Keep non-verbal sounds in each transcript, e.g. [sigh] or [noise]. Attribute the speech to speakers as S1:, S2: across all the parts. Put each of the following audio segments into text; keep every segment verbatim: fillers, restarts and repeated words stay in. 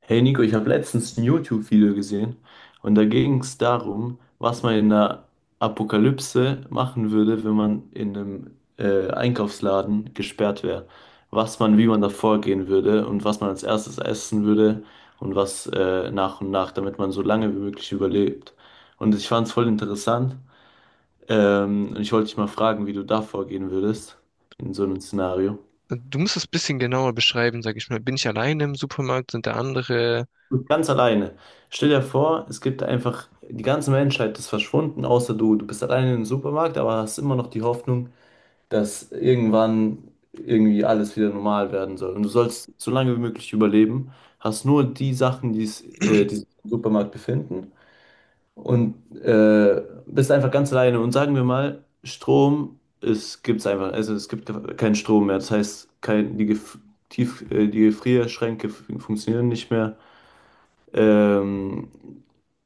S1: Hey Nico, ich habe letztens ein YouTube-Video gesehen und da ging es darum, was man in der Apokalypse machen würde, wenn man in einem äh, Einkaufsladen gesperrt wäre. Was man, wie man da vorgehen würde und was man als erstes essen würde und was äh, nach und nach, damit man so lange wie möglich überlebt. Und ich fand es voll interessant ähm, und ich wollte dich mal fragen, wie du da vorgehen würdest in so einem Szenario.
S2: Du musst es ein bisschen genauer beschreiben, sag ich mal. Bin ich alleine im Supermarkt? Sind da andere?
S1: Ganz alleine. Stell dir vor, es gibt einfach, die ganze Menschheit ist verschwunden, außer du. Du bist alleine im Supermarkt, aber hast immer noch die Hoffnung, dass irgendwann irgendwie alles wieder normal werden soll. Und du sollst so lange wie möglich überleben, hast nur die Sachen, die, es, äh, die sich im Supermarkt befinden und äh, bist einfach ganz alleine. Und sagen wir mal, Strom, es gibt's einfach, also es gibt keinen Strom mehr. Das heißt, kein, die, Gef- Tief, äh, die Gefrierschränke f- funktionieren nicht mehr. Ähm,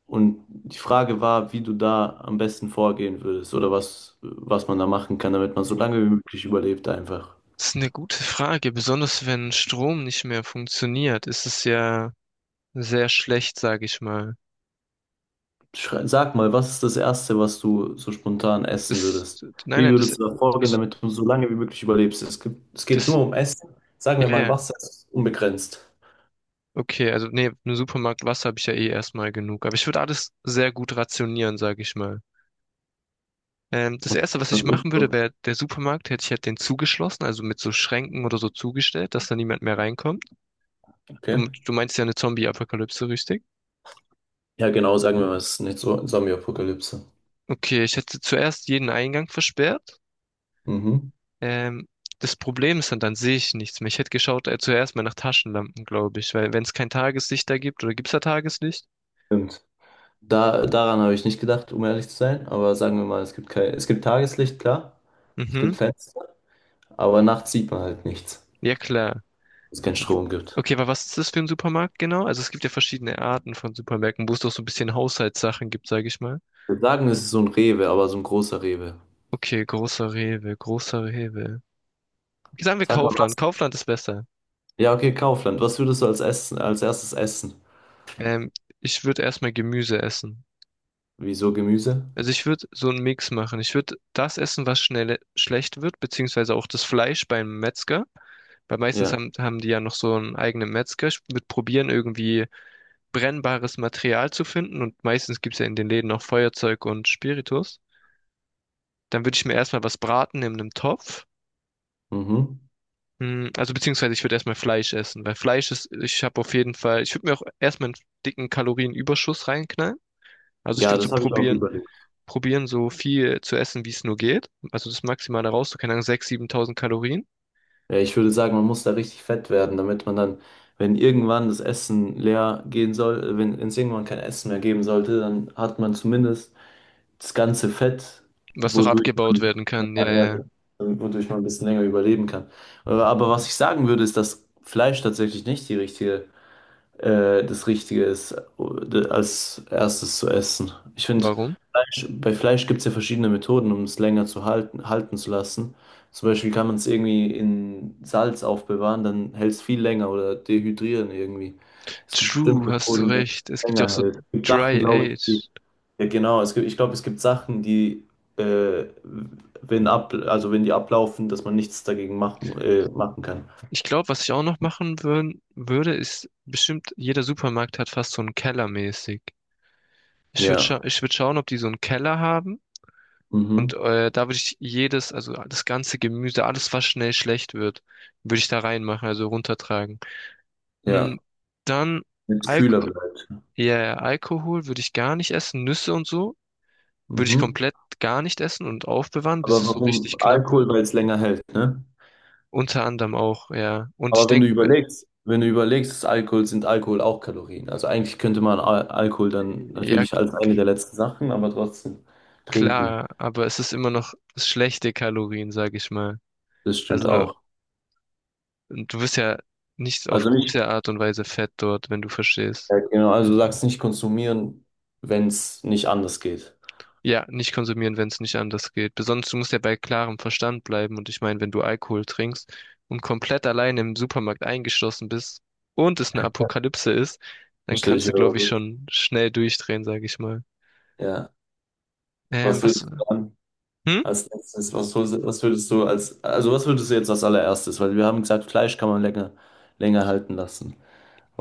S1: und die Frage war, wie du da am besten vorgehen würdest oder was, was man da machen kann, damit man so
S2: Oh,
S1: lange wie möglich überlebt einfach.
S2: das ist eine gute Frage, besonders wenn Strom nicht mehr funktioniert, ist es ja sehr schlecht, sag ich mal.
S1: Schrei- Sag mal, was ist das Erste, was du so spontan essen
S2: Das,
S1: würdest?
S2: nein,
S1: Wie
S2: nein, das,
S1: würdest du da vorgehen,
S2: also
S1: damit du so lange wie möglich überlebst? Es gibt, es geht
S2: das,
S1: nur um Essen. Sagen
S2: ja,
S1: wir mal,
S2: yeah,
S1: Wasser ist unbegrenzt.
S2: okay, also nee, im Supermarkt Wasser habe ich ja eh erstmal genug, aber ich würde alles sehr gut rationieren, sag ich mal. Ähm, das
S1: Und
S2: Erste, was
S1: das
S2: ich
S1: ist
S2: machen
S1: so.
S2: würde, wäre der Supermarkt, hätte ich halt den zugeschlossen, also mit so Schränken oder so zugestellt, dass da niemand mehr reinkommt.
S1: Okay.
S2: Du, du meinst ja eine Zombie-Apokalypse, richtig?
S1: Ja, genau, sagen wir mal, es ist nicht so Zombie-Apokalypse.
S2: Okay, ich hätte zuerst jeden Eingang versperrt.
S1: Mhm.
S2: Ähm, Das Problem ist dann, dann sehe ich nichts mehr. Ich hätte geschaut, äh, zuerst mal nach Taschenlampen, glaube ich, weil wenn es kein Tageslicht da gibt, oder gibt es da Tageslicht?
S1: Stimmt. Da, daran habe ich nicht gedacht, um ehrlich zu sein. Aber sagen wir mal, es gibt kein, es gibt Tageslicht, klar. Es gibt
S2: Mhm,
S1: Fenster, aber nachts sieht man halt nichts,
S2: ja klar.
S1: weil es keinen Strom
S2: W-
S1: gibt.
S2: Okay, aber was ist das für ein Supermarkt genau? Also es gibt ja verschiedene Arten von Supermärkten, wo es doch so ein bisschen Haushaltssachen gibt, sage ich mal.
S1: Wir sagen, es ist so ein Rewe, aber so ein großer Rewe.
S2: Okay, großer Rewe, großer Rewe. Okay, sagen wir
S1: Sag mal
S2: Kaufland.
S1: was.
S2: Kaufland ist besser.
S1: Ja, okay, Kaufland. Was würdest du als Essen, als erstes essen?
S2: Ähm, Ich würde erstmal Gemüse essen.
S1: Wieso Gemüse?
S2: Also ich würde so einen Mix machen. Ich würde das essen, was schnell schlecht wird, beziehungsweise auch das Fleisch beim Metzger. Weil meistens
S1: Ja.
S2: haben, haben die ja noch so einen eigenen Metzger. Ich würde probieren, irgendwie brennbares Material zu finden. Und meistens gibt's ja in den Läden auch Feuerzeug und Spiritus. Dann würde ich mir erstmal was braten in einem Topf.
S1: Mhm.
S2: Hm, Also beziehungsweise ich würde erstmal Fleisch essen, weil Fleisch ist, ich habe auf jeden Fall, ich würde mir auch erstmal einen dicken Kalorienüberschuss reinknallen. Also ich
S1: Ja,
S2: würde so
S1: das habe ich auch
S2: probieren,
S1: überlegt.
S2: probieren, so viel zu essen, wie es nur geht. Also das Maximale raus, so keine Ahnung, sechstausend, siebentausend Kalorien.
S1: Ja, ich würde sagen, man muss da richtig fett werden, damit man dann, wenn irgendwann das Essen leer gehen soll, wenn wenn es irgendwann kein Essen mehr geben sollte, dann hat man zumindest das ganze Fett,
S2: Was noch
S1: wodurch
S2: abgebaut
S1: man,
S2: werden kann, ja,
S1: ja,
S2: ja.
S1: ja, wodurch man ein bisschen länger überleben kann. Aber aber was ich sagen würde, ist, dass Fleisch tatsächlich nicht die richtige, äh, das Richtige ist, äh, als erstes zu essen. Ich finde,
S2: Warum?
S1: Fleisch, bei Fleisch gibt es ja verschiedene Methoden, um es länger zu halten, halten zu lassen. Zum Beispiel kann man es irgendwie in Salz aufbewahren, dann hält es viel länger oder dehydrieren irgendwie. Es gibt
S2: True,
S1: bestimmte
S2: hast du
S1: Methoden, die
S2: recht.
S1: es
S2: Es gibt ja auch
S1: länger
S2: so
S1: hält. Es gibt Sachen,
S2: Dry
S1: glaube ich, die
S2: Age.
S1: ja, genau. Es gibt, ich glaube, es gibt Sachen, die, äh, wenn ab, also wenn die ablaufen, dass man nichts dagegen machen, äh, machen kann.
S2: Ich glaube, was ich auch noch machen würd, würde, ist bestimmt, jeder Supermarkt hat fast so einen Keller mäßig. Ich würde scha
S1: Ja.
S2: ich würd schauen, ob die so einen Keller haben.
S1: Mhm.
S2: Und äh, da würde ich jedes, also das ganze Gemüse, alles, was schnell schlecht wird, würde ich da reinmachen, also runtertragen. Mm,
S1: Ja.
S2: Dann
S1: Wenn es kühler
S2: Alko
S1: bleibt.
S2: ja, ja, Alkohol würde ich gar nicht essen, Nüsse und so würde ich
S1: Mhm.
S2: komplett gar nicht essen und aufbewahren, bis
S1: Aber
S2: es so
S1: warum
S2: richtig knapp
S1: Alkohol,
S2: wird.
S1: weil es länger hält, ne?
S2: Unter anderem auch, ja. Und ich
S1: Aber wenn du
S2: denke,
S1: überlegst, wenn du überlegst, ist Alkohol sind Alkohol auch Kalorien. Also eigentlich könnte man Al Alkohol dann
S2: ja,
S1: natürlich als eine der letzten Sachen, aber trotzdem trinken.
S2: klar, aber es ist immer noch schlechte Kalorien, sag ich mal.
S1: Das stimmt
S2: Also
S1: auch.
S2: du wirst ja nicht auf
S1: Also nicht,
S2: gute Art und Weise fett dort, wenn du verstehst.
S1: ja, genau, also du sagst nicht konsumieren, wenn es nicht anders geht.
S2: Ja, nicht konsumieren, wenn es nicht anders geht. Besonders du musst ja bei klarem Verstand bleiben. Und ich meine, wenn du Alkohol trinkst und komplett allein im Supermarkt eingeschlossen bist und es eine Apokalypse ist, dann
S1: Stell dich
S2: kannst du,
S1: wieder
S2: glaube ich,
S1: mal.
S2: schon schnell durchdrehen, sage ich mal.
S1: Ja.
S2: Ähm,
S1: Was
S2: was?
S1: würdest du an
S2: Hm?
S1: als letztes, was, hol- was würdest du als, also was würdest du jetzt als allererstes? Weil wir haben gesagt, Fleisch kann man länger, länger halten lassen.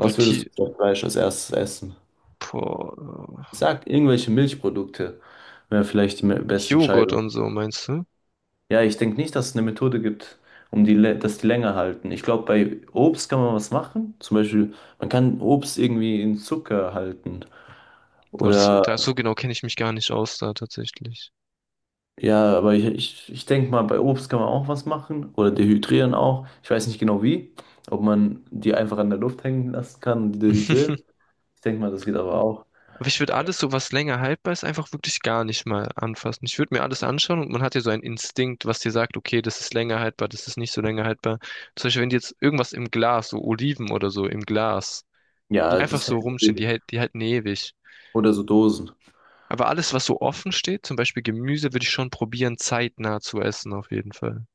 S2: Boah,
S1: würdest
S2: die,
S1: du statt Fleisch als erstes essen?
S2: boah,
S1: Ich
S2: äh,
S1: sag, irgendwelche Milchprodukte wäre vielleicht die me- beste
S2: Joghurt
S1: Entscheidung.
S2: und so, meinst du?
S1: Ja, ich denke nicht, dass es eine Methode gibt, um die, lä- dass die länger halten. Ich glaube, bei Obst kann man was machen. Zum Beispiel, man kann Obst irgendwie in Zucker halten.
S2: Boah, das,
S1: Oder
S2: da so genau kenne ich mich gar nicht aus da tatsächlich.
S1: ja, aber ich, ich, ich denke mal, bei Obst kann man auch was machen oder dehydrieren auch. Ich weiß nicht genau wie, ob man die einfach an der Luft hängen lassen kann und die dehydrieren.
S2: [laughs]
S1: Ich denke mal, das geht aber auch.
S2: Aber ich würde alles, so was länger haltbar ist, einfach wirklich gar nicht mal anfassen. Ich würde mir alles anschauen und man hat ja so einen Instinkt, was dir sagt, okay, das ist länger haltbar, das ist nicht so länger haltbar. Zum Beispiel, wenn die jetzt irgendwas im Glas, so Oliven oder so im Glas, die
S1: Ja,
S2: einfach
S1: das
S2: so
S1: hält
S2: rumstehen, die,
S1: ewig.
S2: hält- die halten ewig.
S1: Oder so Dosen.
S2: Aber alles, was so offen steht, zum Beispiel Gemüse, würde ich schon probieren, zeitnah zu essen, auf jeden Fall.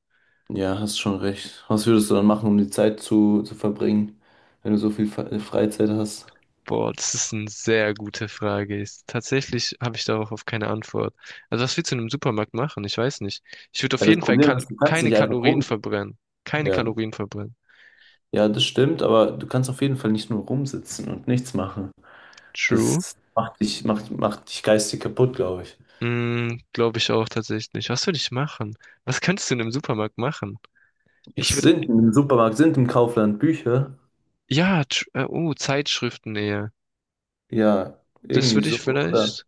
S1: Ja, hast schon recht. Was würdest du dann machen, um die Zeit zu, zu verbringen, wenn du so viel Fe- Freizeit hast?
S2: Boah, das ist eine sehr gute Frage. Ist- Tatsächlich habe ich darauf auf keine Antwort. Also was willst du in einem Supermarkt machen? Ich weiß nicht. Ich würde
S1: Ja,
S2: auf
S1: das
S2: jeden Fall
S1: Problem
S2: kal
S1: ist, du kannst
S2: keine
S1: nicht einfach
S2: Kalorien
S1: rum.
S2: verbrennen. Keine
S1: Ja,
S2: Kalorien verbrennen.
S1: ja, das stimmt, aber du kannst auf jeden Fall nicht nur rumsitzen und nichts machen.
S2: True.
S1: Das macht dich, macht, macht dich geistig kaputt, glaube ich.
S2: Mm, glaube ich auch tatsächlich. Was würde ich machen? Was könntest du in einem Supermarkt machen? Ich
S1: Es
S2: würde,
S1: sind im Supermarkt, sind im Kaufland Bücher?
S2: ja, tr- äh, oh, Zeitschriften eher.
S1: Ja,
S2: Das
S1: irgendwie
S2: würde
S1: so,
S2: ich
S1: oder?
S2: vielleicht,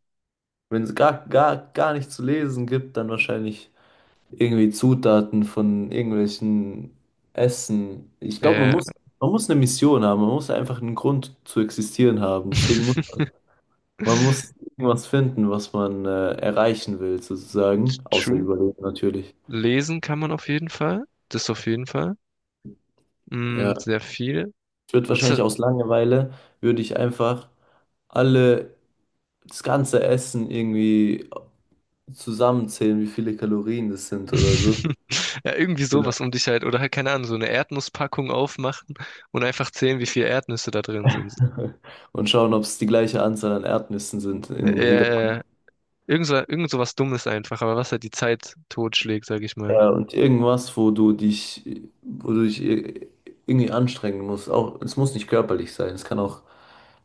S1: Wenn es gar, gar, gar nichts zu lesen gibt, dann wahrscheinlich irgendwie Zutaten von irgendwelchen Essen. Ich glaube, man
S2: äh,
S1: muss, man muss eine Mission haben, man muss einfach einen Grund zu existieren haben. Deswegen muss
S2: [laughs]
S1: man muss irgendwas finden, was man äh, erreichen will, sozusagen. Außer
S2: true.
S1: Überleben natürlich.
S2: Lesen kann man auf jeden Fall. Das auf jeden Fall. Mm,
S1: Ja.
S2: sehr viel.
S1: Ich würde
S2: Aber das
S1: wahrscheinlich aus Langeweile, würde ich einfach alle, das ganze Essen irgendwie zusammenzählen, wie viele Kalorien das sind oder so.
S2: [laughs] Ja, irgendwie
S1: Oder?
S2: sowas um dich halt. Oder halt, keine Ahnung, so eine Erdnusspackung aufmachen und einfach zählen, wie viele Erdnüsse da drin sind.
S1: [laughs] Und schauen, ob es die gleiche Anzahl an Erdnüssen sind
S2: Äh,
S1: in jeder.
S2: ja, ja, ja. irgend so, irgend sowas Dummes einfach, aber was halt die Zeit totschlägt, sag ich mal.
S1: Ja, und irgendwas, wo du dich, wo du dich ir- irgendwie anstrengen musst. Auch, es muss nicht körperlich sein, es kann auch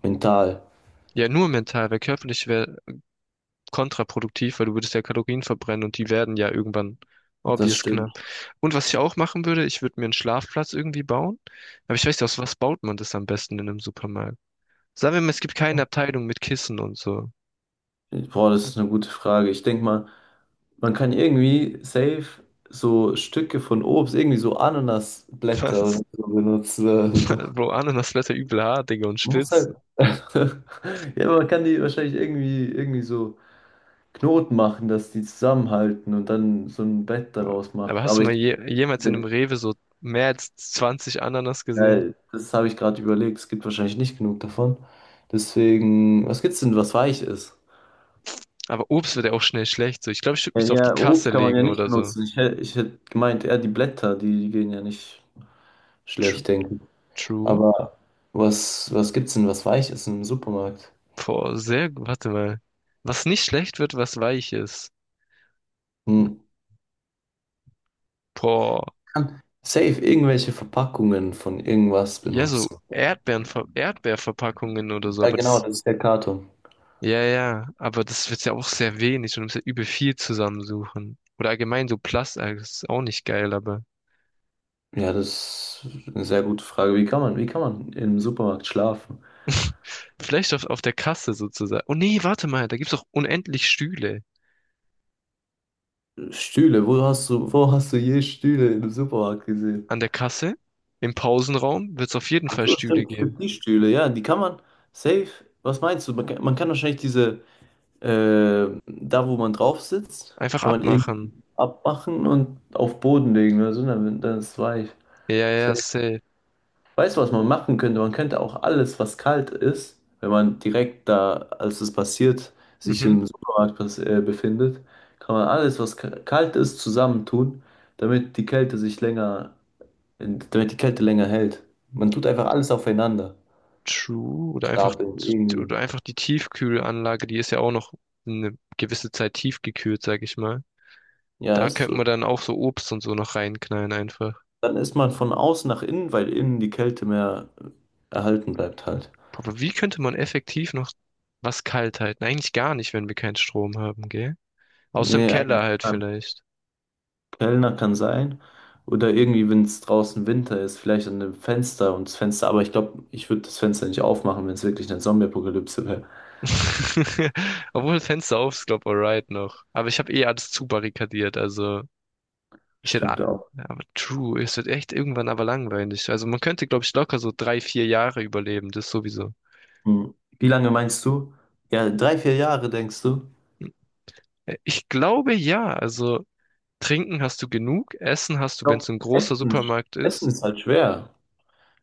S1: mental.
S2: Ja, nur mental, weil körperlich wäre kontraproduktiv, weil du würdest ja Kalorien verbrennen und die werden ja irgendwann
S1: Das
S2: obvious
S1: stimmt.
S2: knapp. Und was ich auch machen würde, ich würde mir einen Schlafplatz irgendwie bauen. Aber ich weiß nicht, aus was baut man das am besten in einem Supermarkt? Sagen wir mal, es gibt keine Abteilung mit Kissen und so.
S1: Boah, das ist eine gute Frage. Ich denke mal, man kann irgendwie safe so Stücke von Obst, irgendwie so
S2: [laughs]
S1: Ananasblätter
S2: Was?
S1: oder so benutzen. Oder so.
S2: Äh, Bro, Ananas blätter übel hart, Digga, und
S1: Man muss
S2: spitz.
S1: halt. [laughs] Ja, man kann die wahrscheinlich irgendwie, irgendwie so Knoten machen, dass die zusammenhalten und dann so ein Bett daraus
S2: Aber
S1: machen.
S2: hast
S1: Aber
S2: du mal
S1: ich,
S2: je, jemals in einem Rewe so mehr als zwanzig Ananas
S1: ja,
S2: gesehen?
S1: das habe ich gerade überlegt. Es gibt wahrscheinlich nicht genug davon. Deswegen, was gibt's denn, was weich ist?
S2: Aber Obst wird ja auch schnell schlecht. So, ich glaube, ich würde
S1: Ja,
S2: mich so auf die
S1: ja,
S2: Kasse
S1: Obst kann man ja
S2: legen
S1: nicht
S2: oder so.
S1: benutzen. Ich, hä- ich hätte gemeint, eher die Blätter, die, die gehen ja nicht
S2: True.
S1: schlecht, denke ich.
S2: True.
S1: Aber was, was gibt's denn, was weich ist im Supermarkt?
S2: Boah, sehr gut. Warte mal. Was nicht schlecht wird, was weich ist.
S1: Hm.
S2: Boah.
S1: Kann safe irgendwelche Verpackungen von irgendwas
S2: Ja, so
S1: benutzen.
S2: Erdbeeren, Erdbeerverpackungen oder so.
S1: Ja,
S2: Aber
S1: genau,
S2: das,
S1: das ist der Karton.
S2: ja, ja. Aber das wird ja auch sehr wenig und du musst ja übel viel zusammensuchen. Oder allgemein so Plastik, das ist auch nicht geil, aber.
S1: Ja, das ist eine sehr gute Frage. Wie kann man, wie kann man im Supermarkt schlafen?
S2: Vielleicht auf, auf der Kasse sozusagen. Oh nee, warte mal, da gibt's doch unendlich Stühle.
S1: Stühle, wo hast du, wo hast du je Stühle im Supermarkt gesehen?
S2: An der Kasse, im Pausenraum, wird's auf jeden
S1: Ach
S2: Fall
S1: so,
S2: Stühle
S1: stimmt, es
S2: geben.
S1: gibt die Stühle, ja, die kann man safe. Was meinst du? Man kann, man kann wahrscheinlich diese, äh, da wo man drauf sitzt,
S2: Einfach
S1: kann man irgendwie
S2: abmachen.
S1: abmachen und auf Boden legen oder so, dann, dann ist es weich.
S2: Ja, ja, ja, safe.
S1: Weißt du, was man machen könnte? Man könnte auch alles, was kalt ist, wenn man direkt da, als es passiert, sich
S2: Mhm.
S1: im Supermarkt bes- äh, befindet, kann man alles, was ka- kalt ist, zusammentun, damit die Kälte sich länger, damit die Kälte länger hält. Man tut einfach alles aufeinander,
S2: True. Oder einfach,
S1: stapeln
S2: zu-
S1: irgendwie.
S2: oder einfach die Tiefkühlanlage, die ist ja auch noch eine gewisse Zeit tiefgekühlt, sag ich mal.
S1: Ja,
S2: Da
S1: ist
S2: könnte man
S1: so.
S2: dann auch so Obst und so noch reinknallen einfach.
S1: Dann ist man von außen nach innen, weil innen die Kälte mehr erhalten bleibt halt.
S2: Aber wie könnte man effektiv noch was kalt halten? Eigentlich gar nicht, wenn wir keinen Strom haben, gell? Außer im
S1: Nee,
S2: Keller
S1: eigentlich.
S2: halt vielleicht.
S1: Kellner kann sein. Oder irgendwie, wenn es draußen Winter ist, vielleicht an dem Fenster und das Fenster. Aber ich glaube, ich würde das Fenster nicht aufmachen, wenn es wirklich eine Zombie-Apokalypse wäre.
S2: [laughs] Obwohl das Fenster auf ist, glaub, alright noch. Aber ich habe eh alles zu barrikadiert, also ich hätte, a-
S1: Stimmt auch.
S2: ja, aber true, es wird echt irgendwann aber langweilig. Also man könnte, glaube ich, locker so drei, vier Jahre überleben, das sowieso.
S1: Hm. Wie lange meinst du? Ja, drei, vier Jahre, denkst du? Ich
S2: Äh, Ich glaube ja, also trinken hast du genug, Essen hast du, wenn es
S1: glaub,
S2: ein großer
S1: Essen,
S2: Supermarkt
S1: Essen
S2: ist.
S1: ist halt schwer,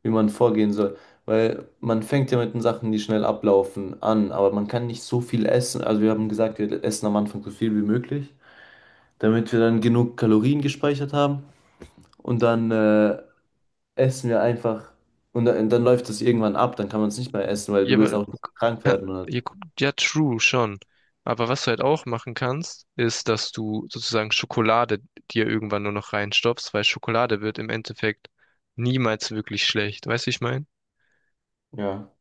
S1: wie man vorgehen soll. Weil man fängt ja mit den Sachen, die schnell ablaufen, an. Aber man kann nicht so viel essen. Also wir haben gesagt, wir essen am Anfang so viel wie möglich, damit wir dann genug Kalorien gespeichert haben. Und dann äh, essen wir einfach und dann, dann läuft das irgendwann ab, dann kann man es nicht mehr essen, weil du
S2: Ja,
S1: willst
S2: aber
S1: auch
S2: du
S1: nicht krank
S2: kann,
S1: werden oder.
S2: ja, gu- ja, true, schon. Aber was du halt auch machen kannst, ist, dass du sozusagen Schokolade dir irgendwann nur noch reinstopfst, weil Schokolade wird im Endeffekt niemals wirklich schlecht. Weißt du, wie ich meine?
S1: Ja.